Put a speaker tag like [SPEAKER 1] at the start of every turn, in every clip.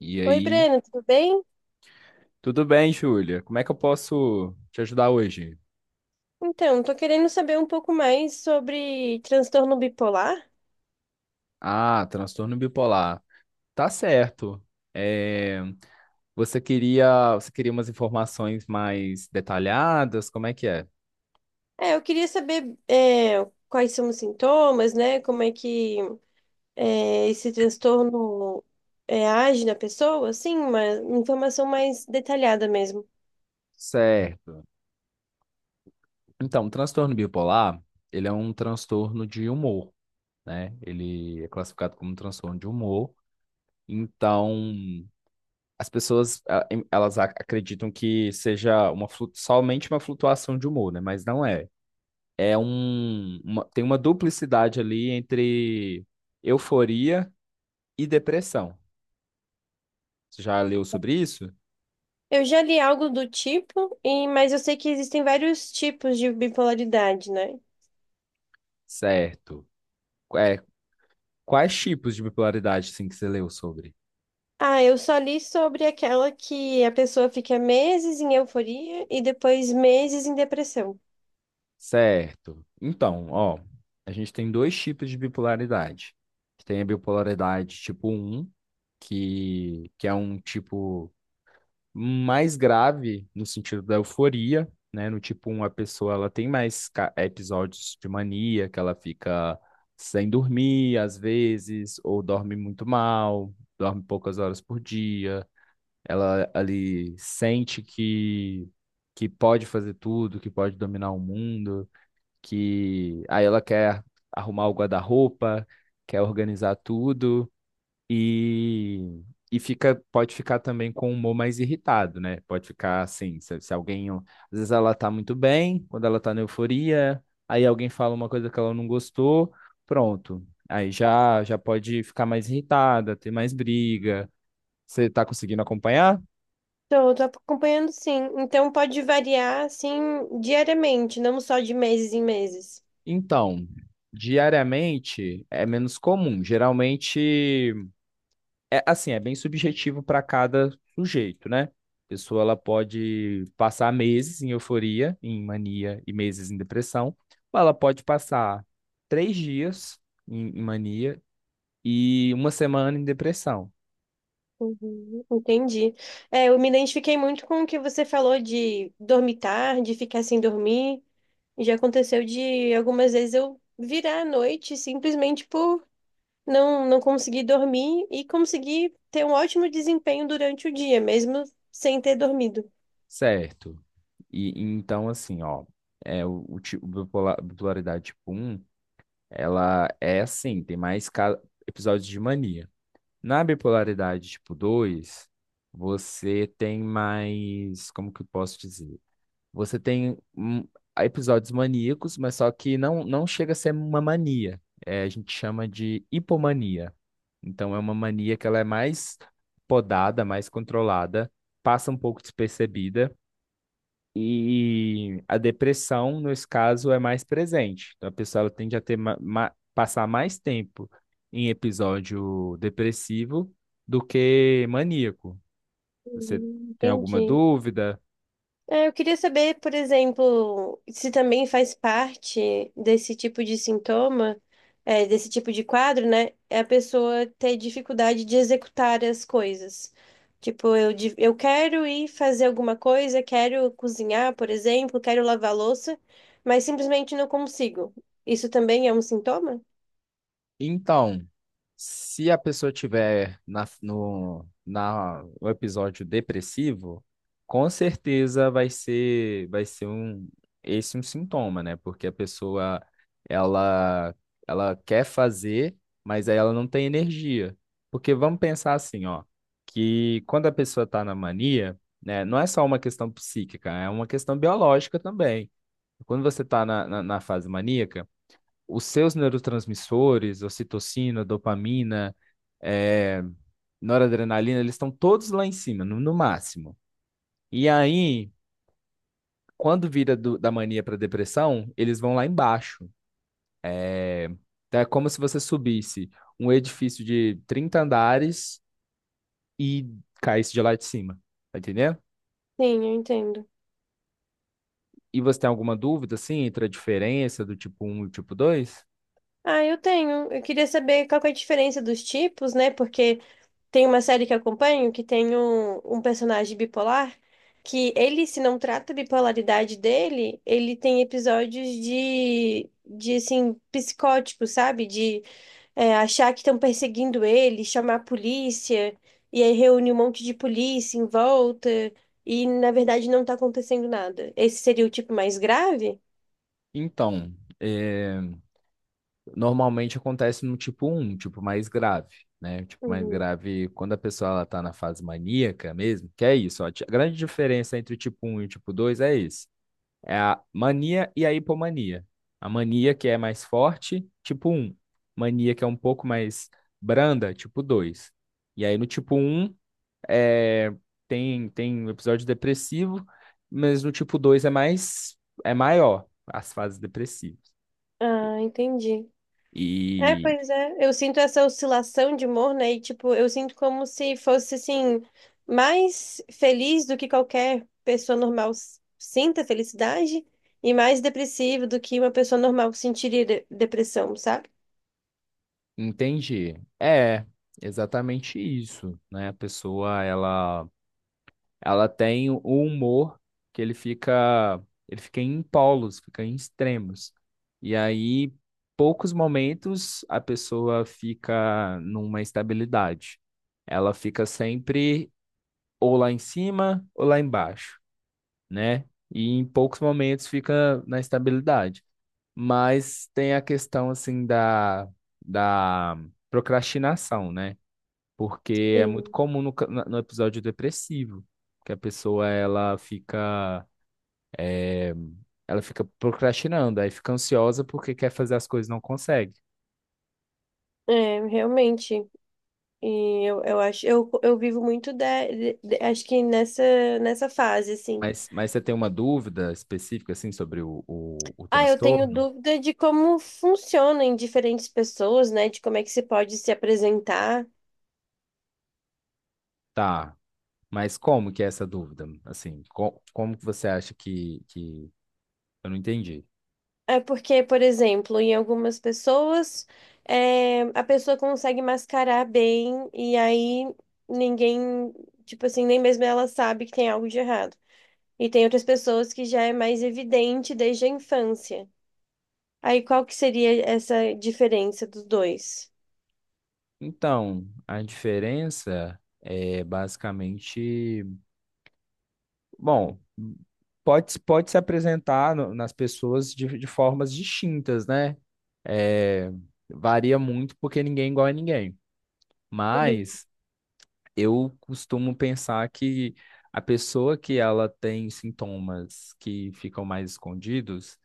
[SPEAKER 1] E
[SPEAKER 2] Oi,
[SPEAKER 1] aí,
[SPEAKER 2] Breno, tudo bem?
[SPEAKER 1] tudo bem, Júlia? Como é que eu posso te ajudar hoje?
[SPEAKER 2] Então, tô querendo saber um pouco mais sobre transtorno bipolar.
[SPEAKER 1] Ah, transtorno bipolar. Tá certo. É, você queria umas informações mais detalhadas? Como é que é?
[SPEAKER 2] Eu queria saber quais são os sintomas, né? Como é que esse transtorno age na pessoa, assim, uma informação mais detalhada mesmo.
[SPEAKER 1] Certo. Então, o transtorno bipolar, ele é um transtorno de humor, né? Ele é classificado como um transtorno de humor. Então, as pessoas, elas acreditam que seja somente uma flutuação de humor, né? Mas não é. Tem uma duplicidade ali entre euforia e depressão. Você já leu sobre isso?
[SPEAKER 2] Eu já li algo do tipo, e, mas eu sei que existem vários tipos de bipolaridade, né?
[SPEAKER 1] Certo. É, quais tipos de bipolaridade sim que você leu sobre?
[SPEAKER 2] Ah, eu só li sobre aquela que a pessoa fica meses em euforia e depois meses em depressão.
[SPEAKER 1] Certo. Então, ó, a gente tem dois tipos de bipolaridade. Tem a bipolaridade tipo um que é um tipo mais grave no sentido da euforia, né? No tipo 1, a pessoa ela tem mais episódios de mania, que ela fica sem dormir às vezes, ou dorme muito mal, dorme poucas horas por dia. Ela ali sente que pode fazer tudo, que pode dominar o mundo, que aí ela quer arrumar o guarda-roupa, quer organizar tudo. E, e fica, pode ficar também com o humor mais irritado, né? Pode ficar assim, se alguém, às vezes ela tá muito bem, quando ela tá na euforia, aí alguém fala uma coisa que ela não gostou, pronto. Aí já pode ficar mais irritada, ter mais briga. Você tá conseguindo acompanhar?
[SPEAKER 2] Tô acompanhando sim. Então pode variar assim diariamente, não só de meses em meses.
[SPEAKER 1] Então, diariamente é menos comum. Geralmente é assim, é bem subjetivo para cada sujeito, né? A pessoa ela pode passar meses em euforia, em mania e meses em depressão, ou ela pode passar três dias em mania e uma semana em depressão,
[SPEAKER 2] Uhum, entendi. É, eu me identifiquei muito com o que você falou de dormir tarde, ficar sem dormir. E já aconteceu de algumas vezes eu virar à noite simplesmente por não conseguir dormir e conseguir ter um ótimo desempenho durante o dia, mesmo sem ter dormido.
[SPEAKER 1] certo? E então assim, ó, é o, ti- o bipolar- bipolaridade tipo um, ela é assim, tem mais episódios de mania. Na bipolaridade tipo 2, você tem mais, como que eu posso dizer? Você tem episódios maníacos, mas só que não chega a ser uma mania. A gente chama de hipomania. Então é uma mania que ela é mais podada, mais controlada, passa um pouco despercebida e a depressão, nesse caso, é mais presente. Então, a pessoa ela tende a ter passar mais tempo em episódio depressivo do que maníaco. Você
[SPEAKER 2] Uhum,
[SPEAKER 1] tem alguma
[SPEAKER 2] entendi.
[SPEAKER 1] dúvida?
[SPEAKER 2] É, eu queria saber, por exemplo, se também faz parte desse tipo de sintoma, desse tipo de quadro, né? É a pessoa ter dificuldade de executar as coisas. Tipo, eu, eu quero ir fazer alguma coisa, quero cozinhar, por exemplo, quero lavar louça, mas simplesmente não consigo. Isso também é um sintoma?
[SPEAKER 1] Então, se a pessoa tiver no episódio depressivo, com certeza esse um sintoma, né? Porque a pessoa, ela, ela quer fazer, mas aí ela não tem energia. Porque vamos pensar assim, ó, que quando a pessoa está na mania, né, não é só uma questão psíquica, é uma questão biológica também. Quando você está na fase maníaca, os seus neurotransmissores, ocitocina, dopamina, eh, noradrenalina, eles estão todos lá em cima, no máximo. E aí, quando vira da mania para depressão, eles vão lá embaixo. É, então é como se você subisse um edifício de 30 andares e caísse de lá de cima, tá entendendo?
[SPEAKER 2] Sim, eu entendo.
[SPEAKER 1] E você tem alguma dúvida, assim, entre a diferença do tipo um e o tipo dois?
[SPEAKER 2] Ah, eu tenho. Eu queria saber qual que é a diferença dos tipos, né? Porque. Tem uma série que eu acompanho que tem um personagem bipolar que ele, se não trata a bipolaridade dele, ele tem episódios de assim, psicótico, sabe? De achar que estão perseguindo ele, chamar a polícia, e aí reúne um monte de polícia em volta, e na verdade não tá acontecendo nada. Esse seria o tipo mais grave?
[SPEAKER 1] Então, é, Normalmente acontece no tipo um, tipo mais grave, né? O tipo mais
[SPEAKER 2] Uhum.
[SPEAKER 1] grave, quando a pessoa ela tá na fase maníaca mesmo, que é isso, ó. A grande diferença entre o tipo um e o tipo 2 é isso. É a mania e a hipomania. A mania que é mais forte, tipo um. Mania que é um pouco mais branda, tipo 2. E aí no tipo um é, tem um episódio depressivo, mas no tipo 2 é mais é maior as fases depressivas.
[SPEAKER 2] Ah, entendi. É,
[SPEAKER 1] E
[SPEAKER 2] pois é. Eu sinto essa oscilação de humor, né? E, tipo, eu sinto como se fosse, assim, mais feliz do que qualquer pessoa normal sinta felicidade e mais depressivo do que uma pessoa normal sentiria depressão, sabe?
[SPEAKER 1] Entendi. É, exatamente isso, né? A pessoa, ela tem o humor que ele fica em polos, fica em extremos. E aí, poucos momentos a pessoa fica numa estabilidade. Ela fica sempre ou lá em cima ou lá embaixo, né? E em poucos momentos fica na estabilidade. Mas tem a questão assim da procrastinação, né? Porque é muito
[SPEAKER 2] Sim.
[SPEAKER 1] comum no episódio depressivo, que a pessoa eh, ela fica procrastinando, aí fica ansiosa porque quer fazer as coisas e não consegue.
[SPEAKER 2] É, realmente. E eu acho, eu vivo muito de, acho que nessa, nessa fase, assim.
[SPEAKER 1] Mas você tem uma dúvida específica, assim, sobre o
[SPEAKER 2] Ah, eu tenho
[SPEAKER 1] transtorno?
[SPEAKER 2] dúvida de como funciona em diferentes pessoas, né? De como é que se pode se apresentar.
[SPEAKER 1] Tá, mas como que é essa dúvida? Assim, como que você acha que... Eu não entendi.
[SPEAKER 2] É porque, por exemplo, em algumas pessoas, a pessoa consegue mascarar bem e aí ninguém, tipo assim, nem mesmo ela sabe que tem algo de errado. E tem outras pessoas que já é mais evidente desde a infância. Aí qual que seria essa diferença dos dois?
[SPEAKER 1] Então, a diferença é basicamente bom, pode se apresentar nas pessoas de formas distintas, né? É, varia muito porque ninguém é igual a ninguém.
[SPEAKER 2] Uhum,
[SPEAKER 1] Mas eu costumo pensar que a pessoa que ela tem sintomas que ficam mais escondidos,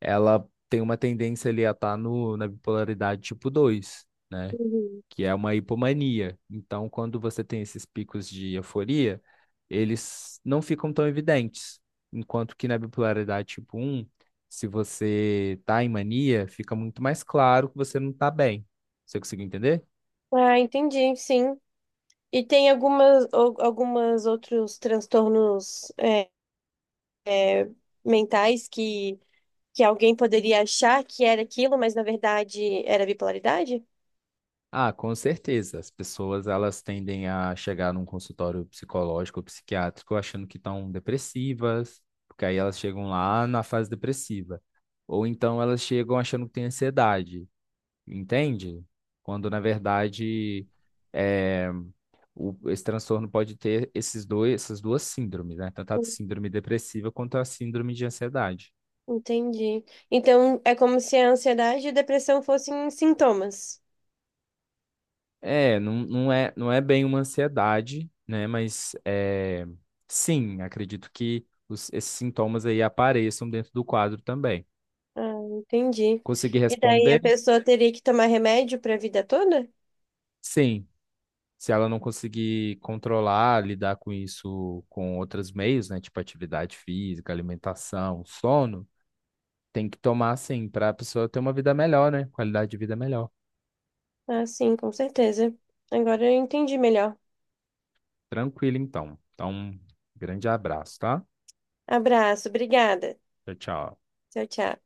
[SPEAKER 1] ela tem uma tendência ali a estar no, na bipolaridade tipo dois, né?
[SPEAKER 2] uhum.
[SPEAKER 1] Que é uma hipomania. Então, quando você tem esses picos de euforia, eles não ficam tão evidentes. Enquanto que na bipolaridade tipo um, se você está em mania, fica muito mais claro que você não está bem. Você conseguiu entender?
[SPEAKER 2] Ah, entendi, sim. E tem algumas, algumas outros transtornos, mentais que alguém poderia achar que era aquilo, mas na verdade era bipolaridade?
[SPEAKER 1] Ah, com certeza. As pessoas elas tendem a chegar num consultório psicológico ou psiquiátrico achando que estão depressivas, porque aí elas chegam lá na fase depressiva. Ou então elas chegam achando que têm ansiedade. Entende? Quando na verdade é, esse transtorno pode ter esses dois, essas duas síndromes, né? Tanto a
[SPEAKER 2] Hum,
[SPEAKER 1] síndrome depressiva quanto a síndrome de ansiedade.
[SPEAKER 2] Entendi. Então é como se a ansiedade e a depressão fossem sintomas.
[SPEAKER 1] É, não, não é bem uma ansiedade, né? Mas sim, acredito que esses sintomas aí apareçam dentro do quadro também.
[SPEAKER 2] Ah, entendi.
[SPEAKER 1] Conseguir
[SPEAKER 2] E daí a
[SPEAKER 1] responder?
[SPEAKER 2] pessoa teria que tomar remédio para a vida toda?
[SPEAKER 1] Sim. Se ela não conseguir controlar, lidar com isso com outros meios, né? Tipo atividade física, alimentação, sono. Tem que tomar, assim, para a pessoa ter uma vida melhor, né? Qualidade de vida melhor.
[SPEAKER 2] Ah, sim, com certeza. Agora eu entendi melhor.
[SPEAKER 1] Tranquilo, então. Então, grande abraço, tá?
[SPEAKER 2] Abraço, obrigada.
[SPEAKER 1] Tchau, tchau.
[SPEAKER 2] Tchau, tchau.